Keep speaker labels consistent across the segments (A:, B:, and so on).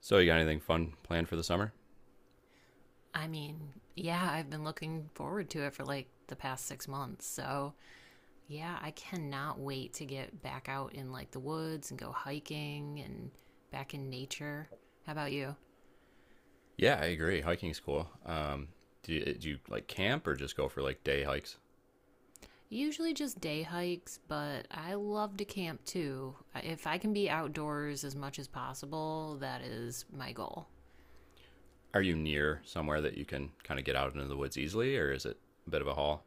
A: So you got anything fun planned for the summer?
B: I mean, yeah, I've been looking forward to it for like the past 6 months. So, yeah, I cannot wait to get back out in like the woods and go hiking and back in nature. How about you?
A: Yeah, I agree. Hiking's cool. Do you like camp or just go for like day hikes?
B: Usually just day hikes, but I love to camp too. If I can be outdoors as much as possible, that is my goal.
A: Are you near somewhere that you can kind of get out into the woods easily, or is it a bit of a haul?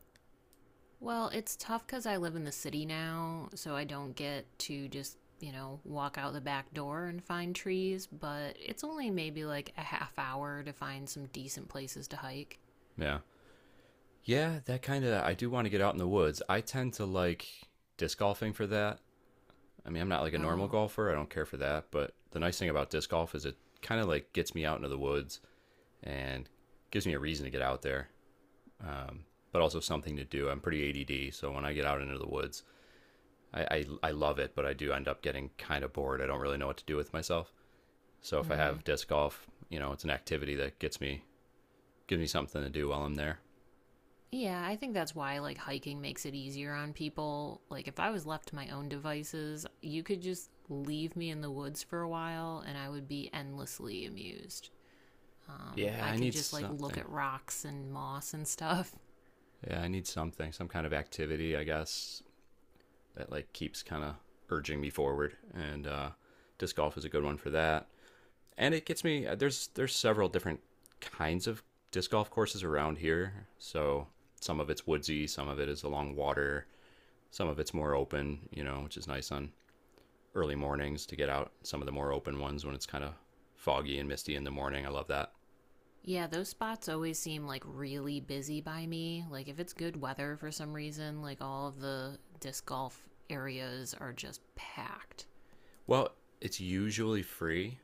B: Well, it's tough because I live in the city now, so I don't get to just, walk out the back door and find trees, but it's only maybe like a half hour to find some decent places to hike.
A: Yeah, yeah, that kind of. I do want to get out in the woods. I tend to like disc golfing for that. I mean, I'm not like a normal
B: Oh.
A: golfer. I don't care for that. But the nice thing about disc golf is it kind of like gets me out into the woods and gives me a reason to get out there, um, but also something to do. I'm pretty ADD, so when I get out into the woods, I love it, but I do end up getting kind of bored. I don't really know what to do with myself. So if I
B: Mm.
A: have disc golf, it's an activity that gets me gives me something to do while I'm there.
B: Yeah, I think that's why like hiking makes it easier on people. Like if I was left to my own devices, you could just leave me in the woods for a while and I would be endlessly amused.
A: Yeah,
B: I
A: I
B: could
A: need
B: just like look
A: something.
B: at rocks and moss and stuff.
A: Yeah, I need something, some kind of activity, I guess, that like keeps kind of urging me forward. And disc golf is a good one for that. And it gets me. There's several different kinds of disc golf courses around here. So some of it's woodsy, some of it is along water, some of it's more open. You know, which is nice on early mornings to get out some of the more open ones when it's kind of foggy and misty in the morning. I love that.
B: Yeah, those spots always seem like really busy by me. Like if it's good weather for some reason, like all of the disc golf areas are just packed.
A: Well, it's usually free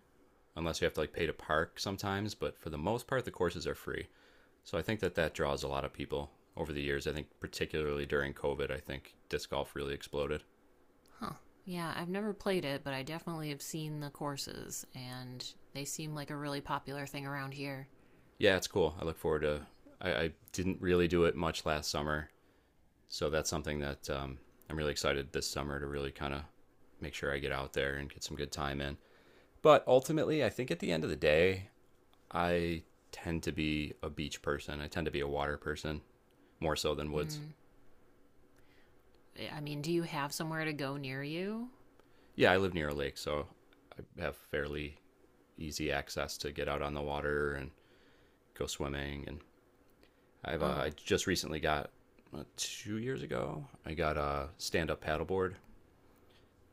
A: unless you have to like pay to park sometimes, but for the most part the courses are free. So I think that draws a lot of people over the years. I think particularly during COVID, I think disc golf really exploded.
B: Huh. Yeah, I've never played it, but I definitely have seen the courses and they seem like a really popular thing around here.
A: Yeah, it's cool. I look forward to. I didn't really do it much last summer, so that's something that I'm really excited this summer to really kind of make sure I get out there and get some good time in. But ultimately, I think at the end of the day, I tend to be a beach person. I tend to be a water person more so than woods.
B: Mm. I mean, do you have somewhere to go near you?
A: Yeah, I live near a lake, so I have fairly easy access to get out on the water and go swimming. And I
B: Oh,
A: just recently got 2 years ago I got a stand-up paddleboard,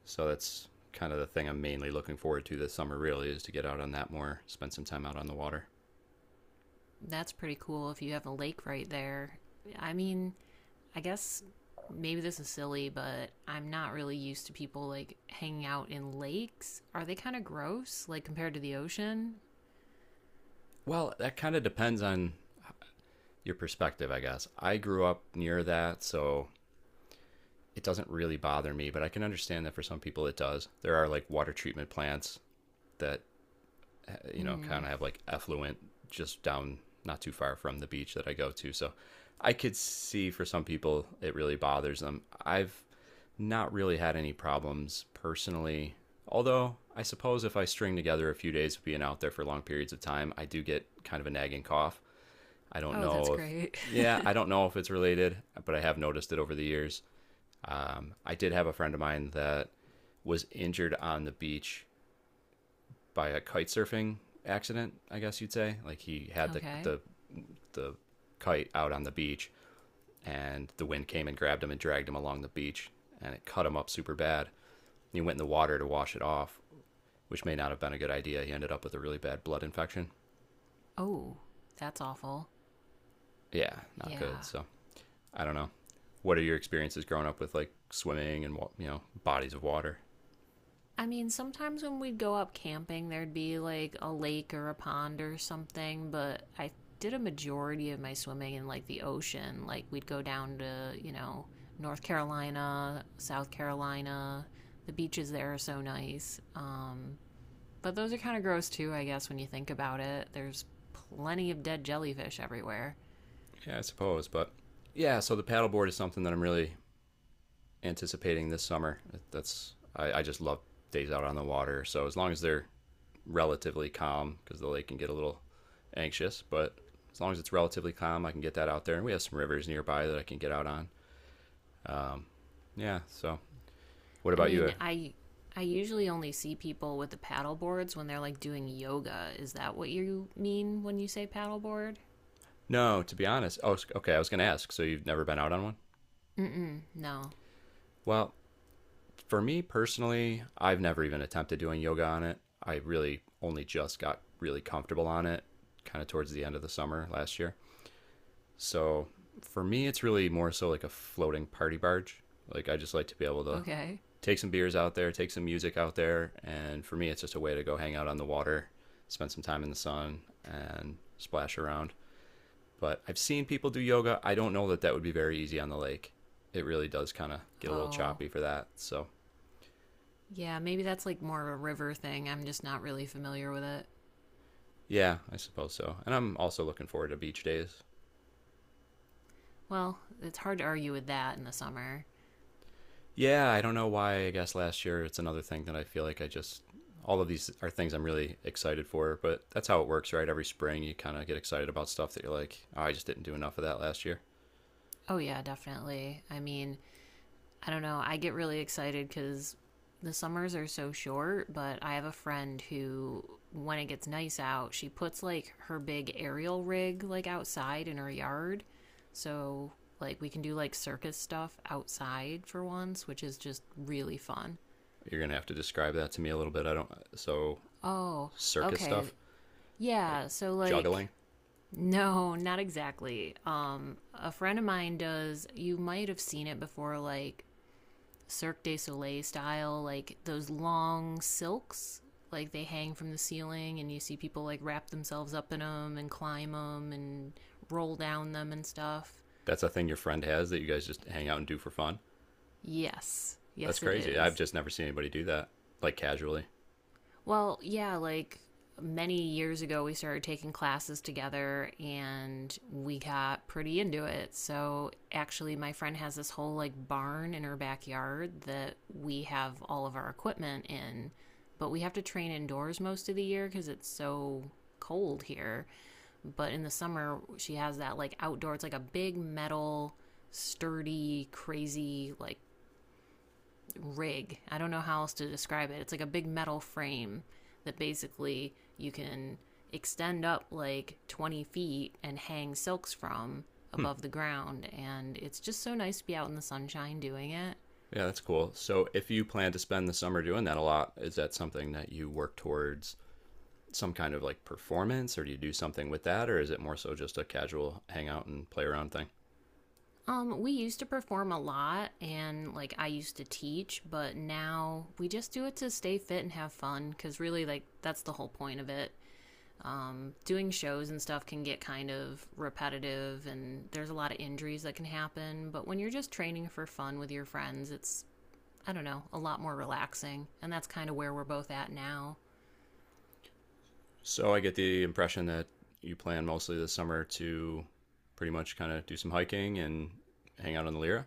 A: so that's kind of the thing I'm mainly looking forward to this summer. Really, is to get out on that more, spend some time out on the water.
B: that's pretty cool if you have a lake right there. I mean, I guess maybe this is silly, but I'm not really used to people like hanging out in lakes. Are they kind of gross, like compared to the ocean?
A: Well, that kind of depends on your perspective, I guess. I grew up near that, so it doesn't really bother me, but I can understand that for some people it does. There are like water treatment plants that
B: Hmm.
A: kind of have like effluent just down not too far from the beach that I go to. So I could see for some people it really bothers them. I've not really had any problems personally. Although I suppose if I string together a few days of being out there for long periods of time, I do get kind of a nagging cough. I don't
B: Oh, that's
A: know if,
B: great.
A: yeah, I don't know if it's related, but I have noticed it over the years. I did have a friend of mine that was injured on the beach by a kite surfing accident. I guess you'd say, like he had the
B: Okay.
A: the the kite out on the beach, and the wind came and grabbed him and dragged him along the beach, and it cut him up super bad. He went in the water to wash it off, which may not have been a good idea. He ended up with a really bad blood infection.
B: Oh, that's awful.
A: Yeah, not good.
B: Yeah.
A: So I don't know. What are your experiences growing up with like swimming and you know bodies of water?
B: I mean, sometimes when we'd go up camping, there'd be like a lake or a pond or something, but I did a majority of my swimming in like the ocean. Like, we'd go down to, North Carolina, South Carolina. The beaches there are so nice. But those are kind of gross too, I guess, when you think about it. There's plenty of dead jellyfish everywhere.
A: Yeah, I suppose, but yeah. So the paddleboard is something that I'm really anticipating this summer. I just love days out on the water. So as long as they're relatively calm, because the lake can get a little anxious, but as long as it's relatively calm, I can get that out there. And we have some rivers nearby that I can get out on. Yeah. So what
B: I
A: about you?
B: mean, I usually only see people with the paddle boards when they're like doing yoga. Is that what you mean when you say paddleboard?
A: No, to be honest. Oh, okay. I was gonna ask. So you've never been out on one?
B: Mm-mm, no.
A: Well, for me personally, I've never even attempted doing yoga on it. I really only just got really comfortable on it kind of towards the end of the summer last year. So for me, it's really more so like a floating party barge. Like I just like to be able to
B: Okay.
A: take some beers out there, take some music out there. And for me, it's just a way to go hang out on the water, spend some time in the sun, and splash around. But I've seen people do yoga. I don't know that that would be very easy on the lake. It really does kind of get a little
B: Oh.
A: choppy for that. So
B: Yeah, maybe that's like more of a river thing. I'm just not really familiar with it.
A: yeah, I suppose so. And I'm also looking forward to beach days.
B: Well, it's hard to argue with that in the summer.
A: Yeah, I don't know why. I guess last year it's another thing that I feel like I just all of these are things I'm really excited for, but that's how it works, right? Every spring you kind of get excited about stuff that you're like, oh, I just didn't do enough of that last year.
B: Oh, yeah, definitely. I mean, I don't know. I get really excited because the summers are so short, but I have a friend who, when it gets nice out, she puts like her big aerial rig like outside in her yard. So, like, we can do like circus stuff outside for once, which is just really fun.
A: You're going to have to describe that to me a little bit. I don't so
B: Oh,
A: circus
B: okay.
A: stuff, like
B: Yeah, so like
A: juggling.
B: no, not exactly. A friend of mine does, you might have seen it before, like Cirque du Soleil style, like those long silks, like they hang from the ceiling and you see people like wrap themselves up in them and climb them and roll down them and stuff.
A: That's a thing your friend has that you guys just hang out and do for fun.
B: Yes.
A: That's
B: Yes it
A: crazy. I've
B: is.
A: just never seen anybody do that like casually.
B: Well, yeah, like many years ago, we started taking classes together and we got pretty into it. So, actually, my friend has this whole like barn in her backyard that we have all of our equipment in, but we have to train indoors most of the year because it's so cold here. But in the summer, she has that like outdoor, it's like a big metal, sturdy, crazy, like rig. I don't know how else to describe it. It's like a big metal frame that basically you can extend up like 20 feet and hang silks from
A: Hmm.
B: above the ground. And it's just so nice to be out in the sunshine doing it.
A: Yeah, that's cool. So, if you plan to spend the summer doing that a lot, is that something that you work towards some kind of like performance, or do you do something with that, or is it more so just a casual hangout and play around thing?
B: We used to perform a lot and like I used to teach, but now we just do it to stay fit and have fun because really, like, that's the whole point of it. Doing shows and stuff can get kind of repetitive and there's a lot of injuries that can happen. But when you're just training for fun with your friends, it's, I don't know, a lot more relaxing. And that's kind of where we're both at now.
A: So, I get the impression that you plan mostly this summer to pretty much kind of do some hiking and hang out on the Lyra.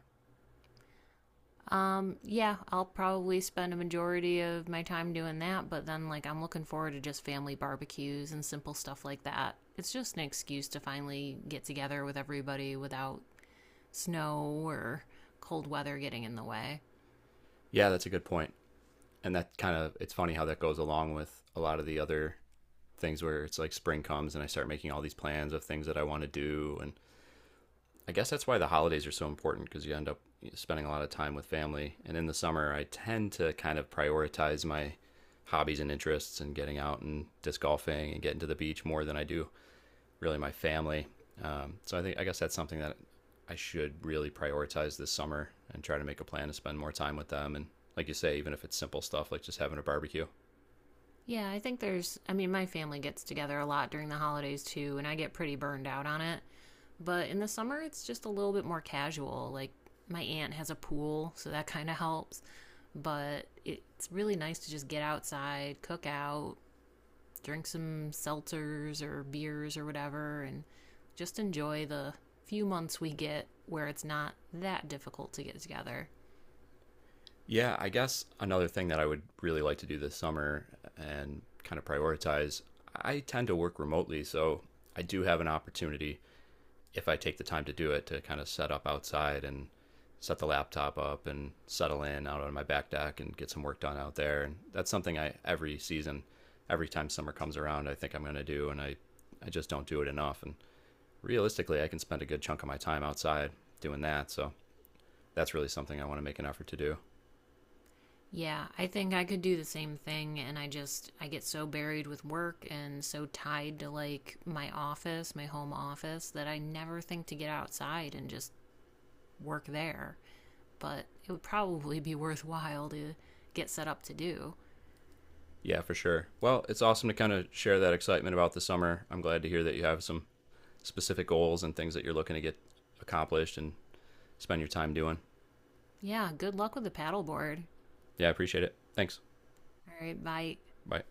B: Yeah, I'll probably spend a majority of my time doing that. But then, like, I'm looking forward to just family barbecues and simple stuff like that. It's just an excuse to finally get together with everybody without snow or cold weather getting in the way.
A: Yeah, that's a good point. And that kind of, it's funny how that goes along with a lot of the other things where it's like spring comes and I start making all these plans of things that I want to do and I guess that's why the holidays are so important because you end up spending a lot of time with family. And in the summer, I tend to kind of prioritize my hobbies and interests and getting out and disc golfing and getting to the beach more than I do really my family. So I think I guess that's something that I should really prioritize this summer and try to make a plan to spend more time with them. And like you say, even if it's simple stuff like just having a barbecue.
B: Yeah, I think there's, I mean, my family gets together a lot during the holidays too, and I get pretty burned out on it. But in the summer, it's just a little bit more casual. Like, my aunt has a pool, so that kind of helps. But it's really nice to just get outside, cook out, drink some seltzers or beers or whatever, and just enjoy the few months we get where it's not that difficult to get together.
A: Yeah, I guess another thing that I would really like to do this summer and kind of prioritize, I tend to work remotely, so I do have an opportunity if I take the time to do it to kind of set up outside and set the laptop up and settle in out on my back deck and get some work done out there. And that's something I every season, every time summer comes around, I think I'm going to do and I just don't do it enough and realistically, I can spend a good chunk of my time outside doing that. So that's really something I want to make an effort to do.
B: Yeah, I think I could do the same thing and I just I get so buried with work and so tied to like my office, my home office that I never think to get outside and just work there. But it would probably be worthwhile to get set up to do.
A: Yeah, for sure. Well, it's awesome to kind of share that excitement about the summer. I'm glad to hear that you have some specific goals and things that you're looking to get accomplished and spend your time doing.
B: Yeah, good luck with the paddleboard.
A: Yeah, I appreciate it. Thanks.
B: All right, bye.
A: Bye.